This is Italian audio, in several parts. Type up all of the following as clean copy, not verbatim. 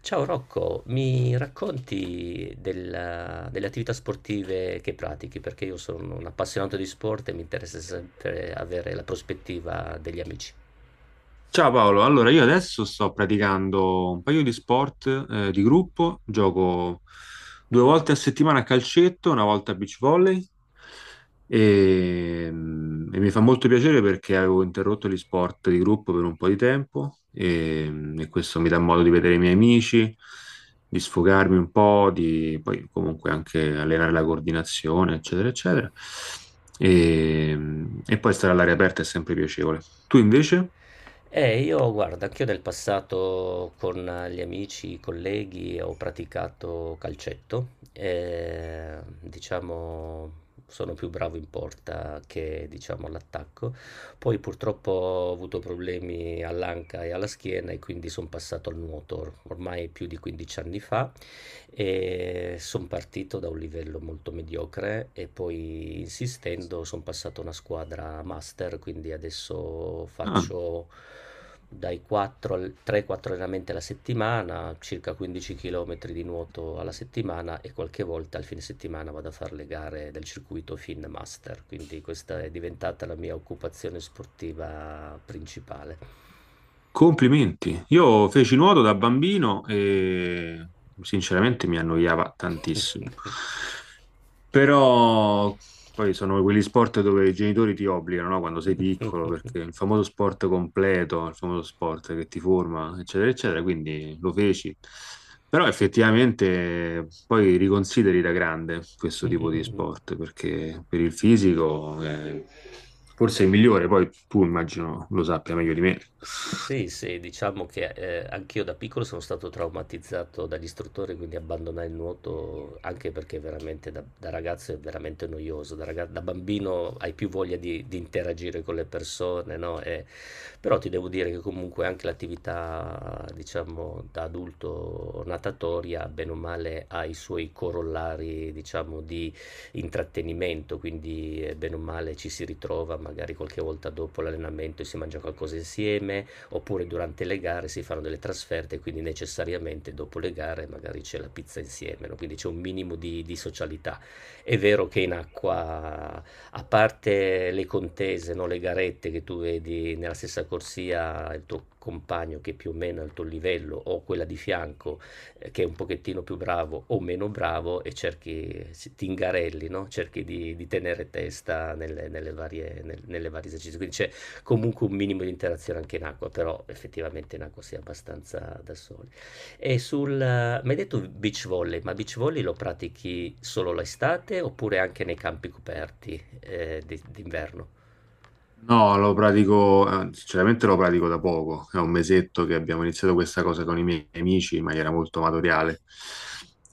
Ciao Rocco, mi racconti delle attività sportive che pratichi? Perché io sono un appassionato di sport e mi interessa sempre avere la prospettiva degli amici. Ciao Paolo, allora io adesso sto praticando un paio di sport di gruppo, gioco due volte a settimana a calcetto, una volta a beach volley e mi fa molto piacere perché avevo interrotto gli sport di gruppo per un po' di tempo e questo mi dà modo di vedere i miei amici, di sfogarmi un po', di poi comunque anche allenare la coordinazione, eccetera, eccetera. E poi stare all'aria aperta è sempre piacevole. Tu invece? E io, guarda, anch'io nel passato con gli amici, i colleghi, ho praticato calcetto e diciamo sono più bravo in porta che diciamo all'attacco. Poi purtroppo ho avuto problemi all'anca e alla schiena e quindi sono passato al nuoto ormai più di 15 anni fa e sono partito da un livello molto mediocre e poi insistendo sono passato a una squadra master, quindi adesso Ah. faccio dai 4 al 3-4 allenamenti alla settimana, circa 15 km di nuoto alla settimana e qualche volta al fine settimana vado a fare le gare del circuito Fin Master, quindi questa è diventata la mia occupazione sportiva principale. Complimenti. Io feci nuoto da bambino e sinceramente mi annoiava tantissimo. Però poi sono quegli sport dove i genitori ti obbligano, no? Quando sei piccolo, perché il famoso sport completo, il famoso sport che ti forma, eccetera, eccetera, quindi lo feci. Però effettivamente poi riconsideri da grande questo Mm, mm, tipo di mm. Mm. sport, perché per il fisico è forse è il migliore, poi tu immagino lo sappia meglio di me. Sì, sì, diciamo che anch'io da piccolo sono stato traumatizzato dagli istruttori, quindi abbandonai il nuoto anche perché veramente da ragazzo è veramente noioso. Da bambino hai più voglia di interagire con le persone, no? Però ti devo dire che comunque anche l'attività, diciamo, da adulto natatoria, bene o male, ha i suoi corollari, diciamo, di intrattenimento, quindi bene o male ci si ritrova magari qualche volta dopo l'allenamento e si mangia qualcosa insieme, oppure durante le gare si fanno delle trasferte, quindi necessariamente dopo le gare magari c'è la pizza insieme, no? Quindi c'è un minimo di socialità. È vero che in acqua, a parte le contese, no? Le garette che tu vedi nella stessa corsia, il tuo compagno che più o meno è al tuo livello o quella di fianco, che è un pochettino più bravo o meno bravo e ti ingarelli, no? Cerchi di tenere testa nelle varie, nelle varie esercizi. Quindi c'è comunque un minimo di interazione anche in acqua, però effettivamente in acqua si è abbastanza da soli. E mi hai detto beach volley, ma beach volley lo pratichi solo l'estate oppure anche nei campi coperti d'inverno? No, lo pratico, sinceramente lo pratico da poco, è un mesetto che abbiamo iniziato questa cosa con i miei amici in maniera molto amatoriale.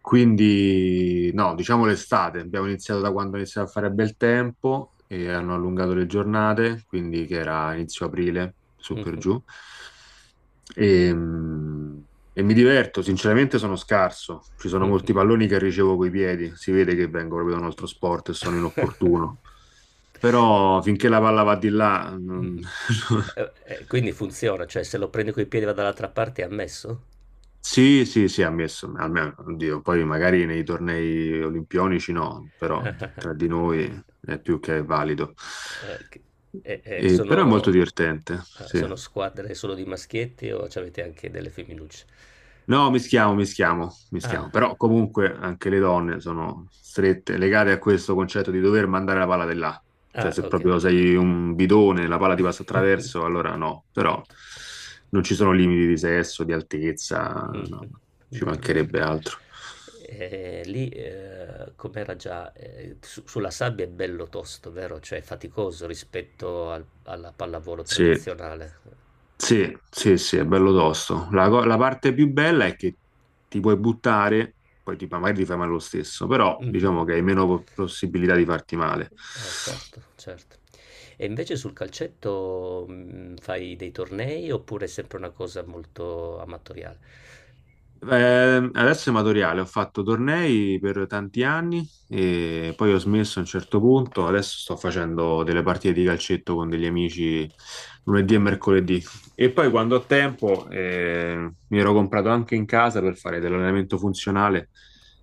Quindi, no, diciamo l'estate, abbiamo iniziato da quando iniziava a fare bel tempo e hanno allungato le giornate, quindi che era inizio aprile, su per Mhm, giù. E, mm, e mi diverto, sinceramente sono scarso, ci sono molti mhm. palloni che ricevo coi piedi, si vede che vengo proprio da un altro sport e sono inopportuno. Però finché la palla va di là, Mh. non- Quindi funziona, cioè se lo prendo coi piedi e vado dall'altra parte è ammesso? Sì, sì, sì, ammesso, almeno, oddio, poi magari nei tornei olimpionici no, però tra di noi è più che valido. Ah-ah-ah. Ok. E e E- però è molto sono divertente, ah, sì. sono squadre solo di maschietti o c'avete anche delle femminucce? No, mischiamo, mischiamo, Ah, mischiamo. Però comunque anche le donne sono strette, legate a questo concetto di dover mandare la palla di là. Cioè, ah se okay. proprio sei un bidone, la palla ti passa attraverso, allora no. Però non ci sono limiti di sesso, di altezza, Mh-mh. no, Bello, ci bello. mancherebbe altro. E lì, com'era già su sulla sabbia è bello tosto, vero? Cioè è faticoso rispetto al alla pallavolo Sì, tradizionale. sì, sì, sì, è bello tosto. La parte più bella è che ti puoi buttare, poi ti, magari ti fai male lo stesso, però Mh-mh. diciamo che hai meno possibilità di farti male. Certo, certo. E invece sul calcetto fai dei tornei oppure è sempre una cosa molto amatoriale? Adesso è amatoriale, ho fatto tornei per tanti anni e poi ho smesso a un certo punto. Adesso sto facendo delle partite di calcetto con degli amici lunedì e mercoledì. E poi quando ho tempo, mi ero comprato anche in casa per fare dell'allenamento funzionale,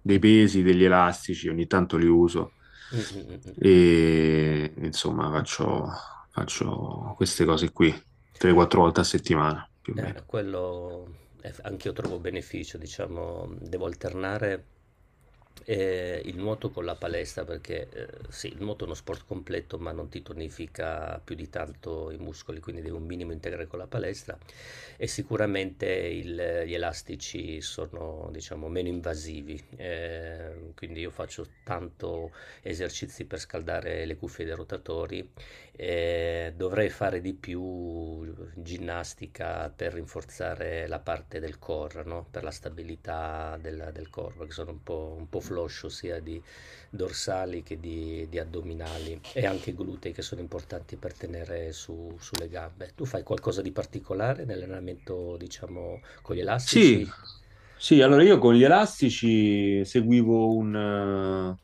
dei pesi, degli elastici, ogni tanto li uso. Mm, mm, mm, mm. E insomma, faccio, faccio queste cose qui 3-4 volte a settimana più o meno. Eh, quello anch'io trovo beneficio, diciamo, devo alternare il nuoto con la palestra perché sì, il nuoto è uno sport completo ma non ti tonifica più di tanto i muscoli, quindi devi un minimo integrare con la palestra e sicuramente gli elastici sono, diciamo, meno invasivi, quindi io faccio tanto esercizi per scaldare le cuffie dei rotatori dovrei fare di più ginnastica per rinforzare la parte del core, no? Per la stabilità del core, perché sono un po' floscio sia di dorsali che di addominali e anche glutei che sono importanti per tenere sulle gambe. Tu fai qualcosa di particolare nell'allenamento, diciamo, con gli Sì, elastici? sì, allora io con gli elastici seguivo un, eh,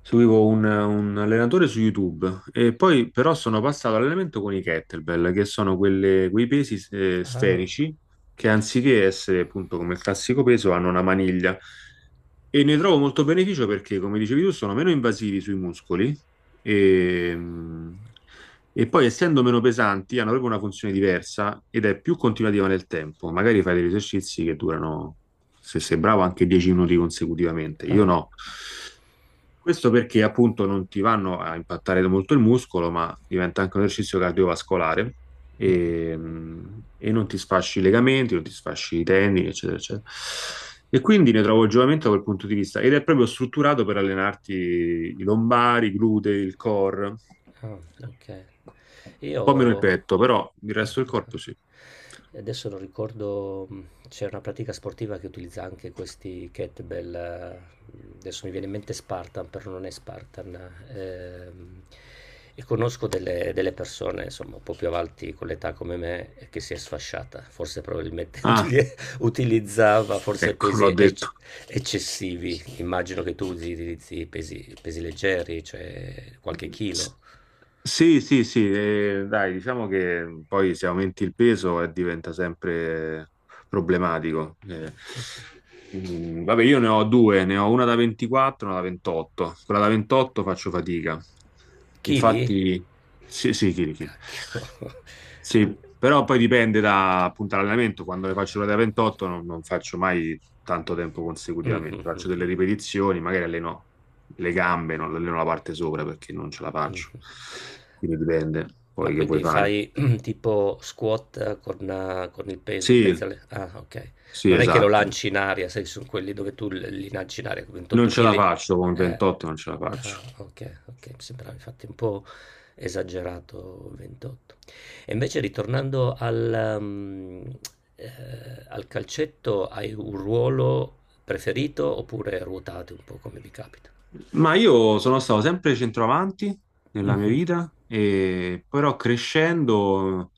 seguivo un, un allenatore su YouTube e poi però sono passato all'allenamento con i kettlebell, che sono quei pesi Ah, sferici che anziché essere appunto come il classico peso hanno una maniglia. E ne trovo molto beneficio perché, come dicevi tu, sono meno invasivi sui muscoli e, e poi, essendo meno pesanti, hanno proprio una funzione diversa ed è più continuativa nel tempo. Magari fai degli esercizi che durano, se sei bravo, anche 10 minuti consecutivamente. ah. Io no. Questo perché appunto non ti vanno a impattare molto il muscolo, ma diventa anche un esercizio cardiovascolare e non ti sfasci i legamenti, non ti sfasci i tendini, eccetera, eccetera. E quindi ne trovo il giovamento da quel punto di vista ed è proprio strutturato per allenarti i lombari, i glutei, il core, un Ah, okay. Io po' meno il petto, però il ah, resto del ah, ah. corpo sì. Adesso non ricordo, c'era una pratica sportiva che utilizza anche questi kettlebell, adesso mi viene in mente Spartan, però non è Spartan. Ehm, e conosco delle persone, insomma, un po' più avanti con l'età come me, che si è sfasciata. Forse probabilmente Ah, utilizzava forse ecco, l'ho pesi detto. eccessivi. Immagino che tu utilizzi pesi pesi leggeri, cioè qualche S- chilo. Sì, sì, sì, dai, diciamo che poi se aumenti il peso diventa sempre problematico. Vabbè, io ne ho due, ne ho una da 24 e una da 28. Quella da 28 faccio fatica. Chili? Infatti, C sì, sì, chili, chili. cacchio. Sì, però poi dipende da appunto l'allenamento. Quando le faccio ore da 28 non faccio mai tanto tempo Mh-mh, consecutivamente. Faccio delle mh-mh, ripetizioni, magari alleno le gambe, non alleno la parte sopra perché non ce la faccio. mh-mh. Quindi dipende Ma poi che vuoi quindi fare. fai tipo squat con il peso in Sì, mezzo alle. Ah, ok. sì, Non è che lo esatto. lanci in aria, sai, sono quelli dove tu li lanci in aria, Non 28 ce la kg. faccio con Eh. 28, non ce la Ah, faccio. ok, ok, mi sembrava infatti un po' esagerato 28. E invece ritornando al calcetto, hai un ruolo preferito oppure ruotate un po' come vi capita? Ma io sono stato sempre centravanti nella mia Mhm. vita, e però crescendo,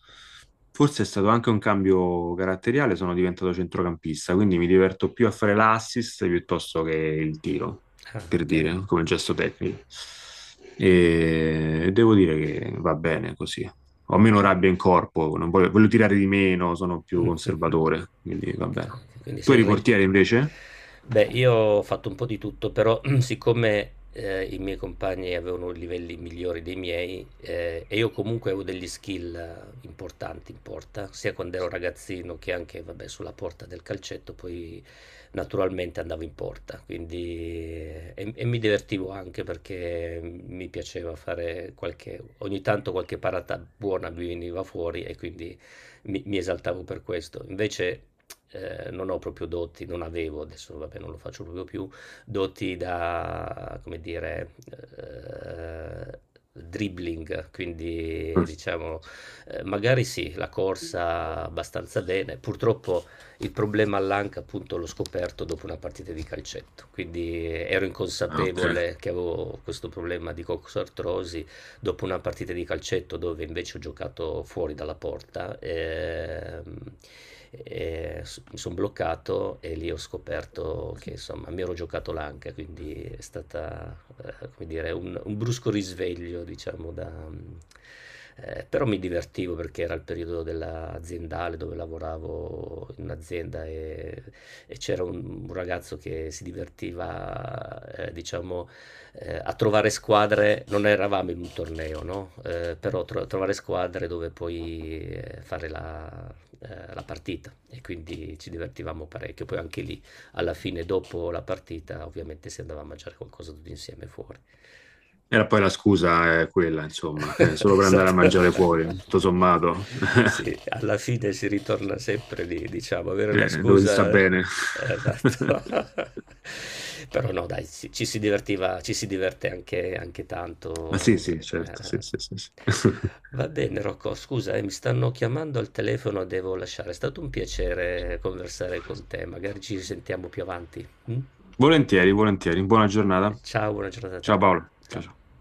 forse è stato anche un cambio caratteriale, sono diventato centrocampista, quindi mi diverto più a fare l'assist piuttosto che il tiro, Ah, per ok. dire, come gesto tecnico. E devo dire che va bene così. Ho meno Mhm. rabbia in corpo, non voglio, voglio tirare di meno, sono più Mh-mh-mh. conservatore, quindi va bene. Okay, quindi Tu sei eri re portiere invece? beh, io ho fatto un po' di tutto, però siccome, i miei compagni avevano livelli migliori dei miei, e io comunque avevo degli skill importanti in porta, sia quando ero ragazzino che anche, vabbè, sulla porta del calcetto, poi naturalmente andavo in porta, quindi e mi divertivo anche perché mi piaceva fare qualche ogni tanto qualche parata buona mi veniva fuori e quindi mi esaltavo per questo. Invece non ho proprio doti, non avevo, adesso vabbè non lo faccio proprio più, doti da, come dire, eh, dribbling, quindi Mm. diciamo, magari sì, la corsa abbastanza bene. Purtroppo il problema all'anca appunto l'ho scoperto dopo una partita di calcetto, quindi ero Ah, ok. inconsapevole che avevo questo problema di coxartrosi dopo una partita di calcetto dove invece ho giocato fuori dalla porta, e mi sono bloccato e lì ho scoperto che insomma mi ero giocato l'anca, quindi è stata come dire, un brusco risveglio, diciamo, però mi divertivo perché era il periodo dell'aziendale dove lavoravo in un'azienda e c'era un ragazzo che si divertiva, diciamo, a trovare squadre, non eravamo in un torneo, no? Però trovare squadre dove poi fare la partita e quindi ci divertivamo parecchio. Poi anche lì, alla fine, dopo la partita, ovviamente si andava a mangiare qualcosa tutti insieme fuori. Era poi la scusa è quella, insomma, solo per andare a Esatto. mangiare fuori, tutto sommato. Sì, alla fine si ritorna sempre lì, diciamo, avere la dove si sta scusa bene. esatto. Però no, dai, ci si diverte anche Ma sì, tanto, sì, certo, sì, ehm. sì, sì, sì. Va bene Rocco, scusa, mi stanno chiamando al telefono, devo lasciare. È stato un piacere conversare con te, magari ci risentiamo più avanti, mh? Volentieri, volentieri. Buona giornata. Ciao, buona giornata a Ciao te. Paolo. Ciao, ciao. Ciao.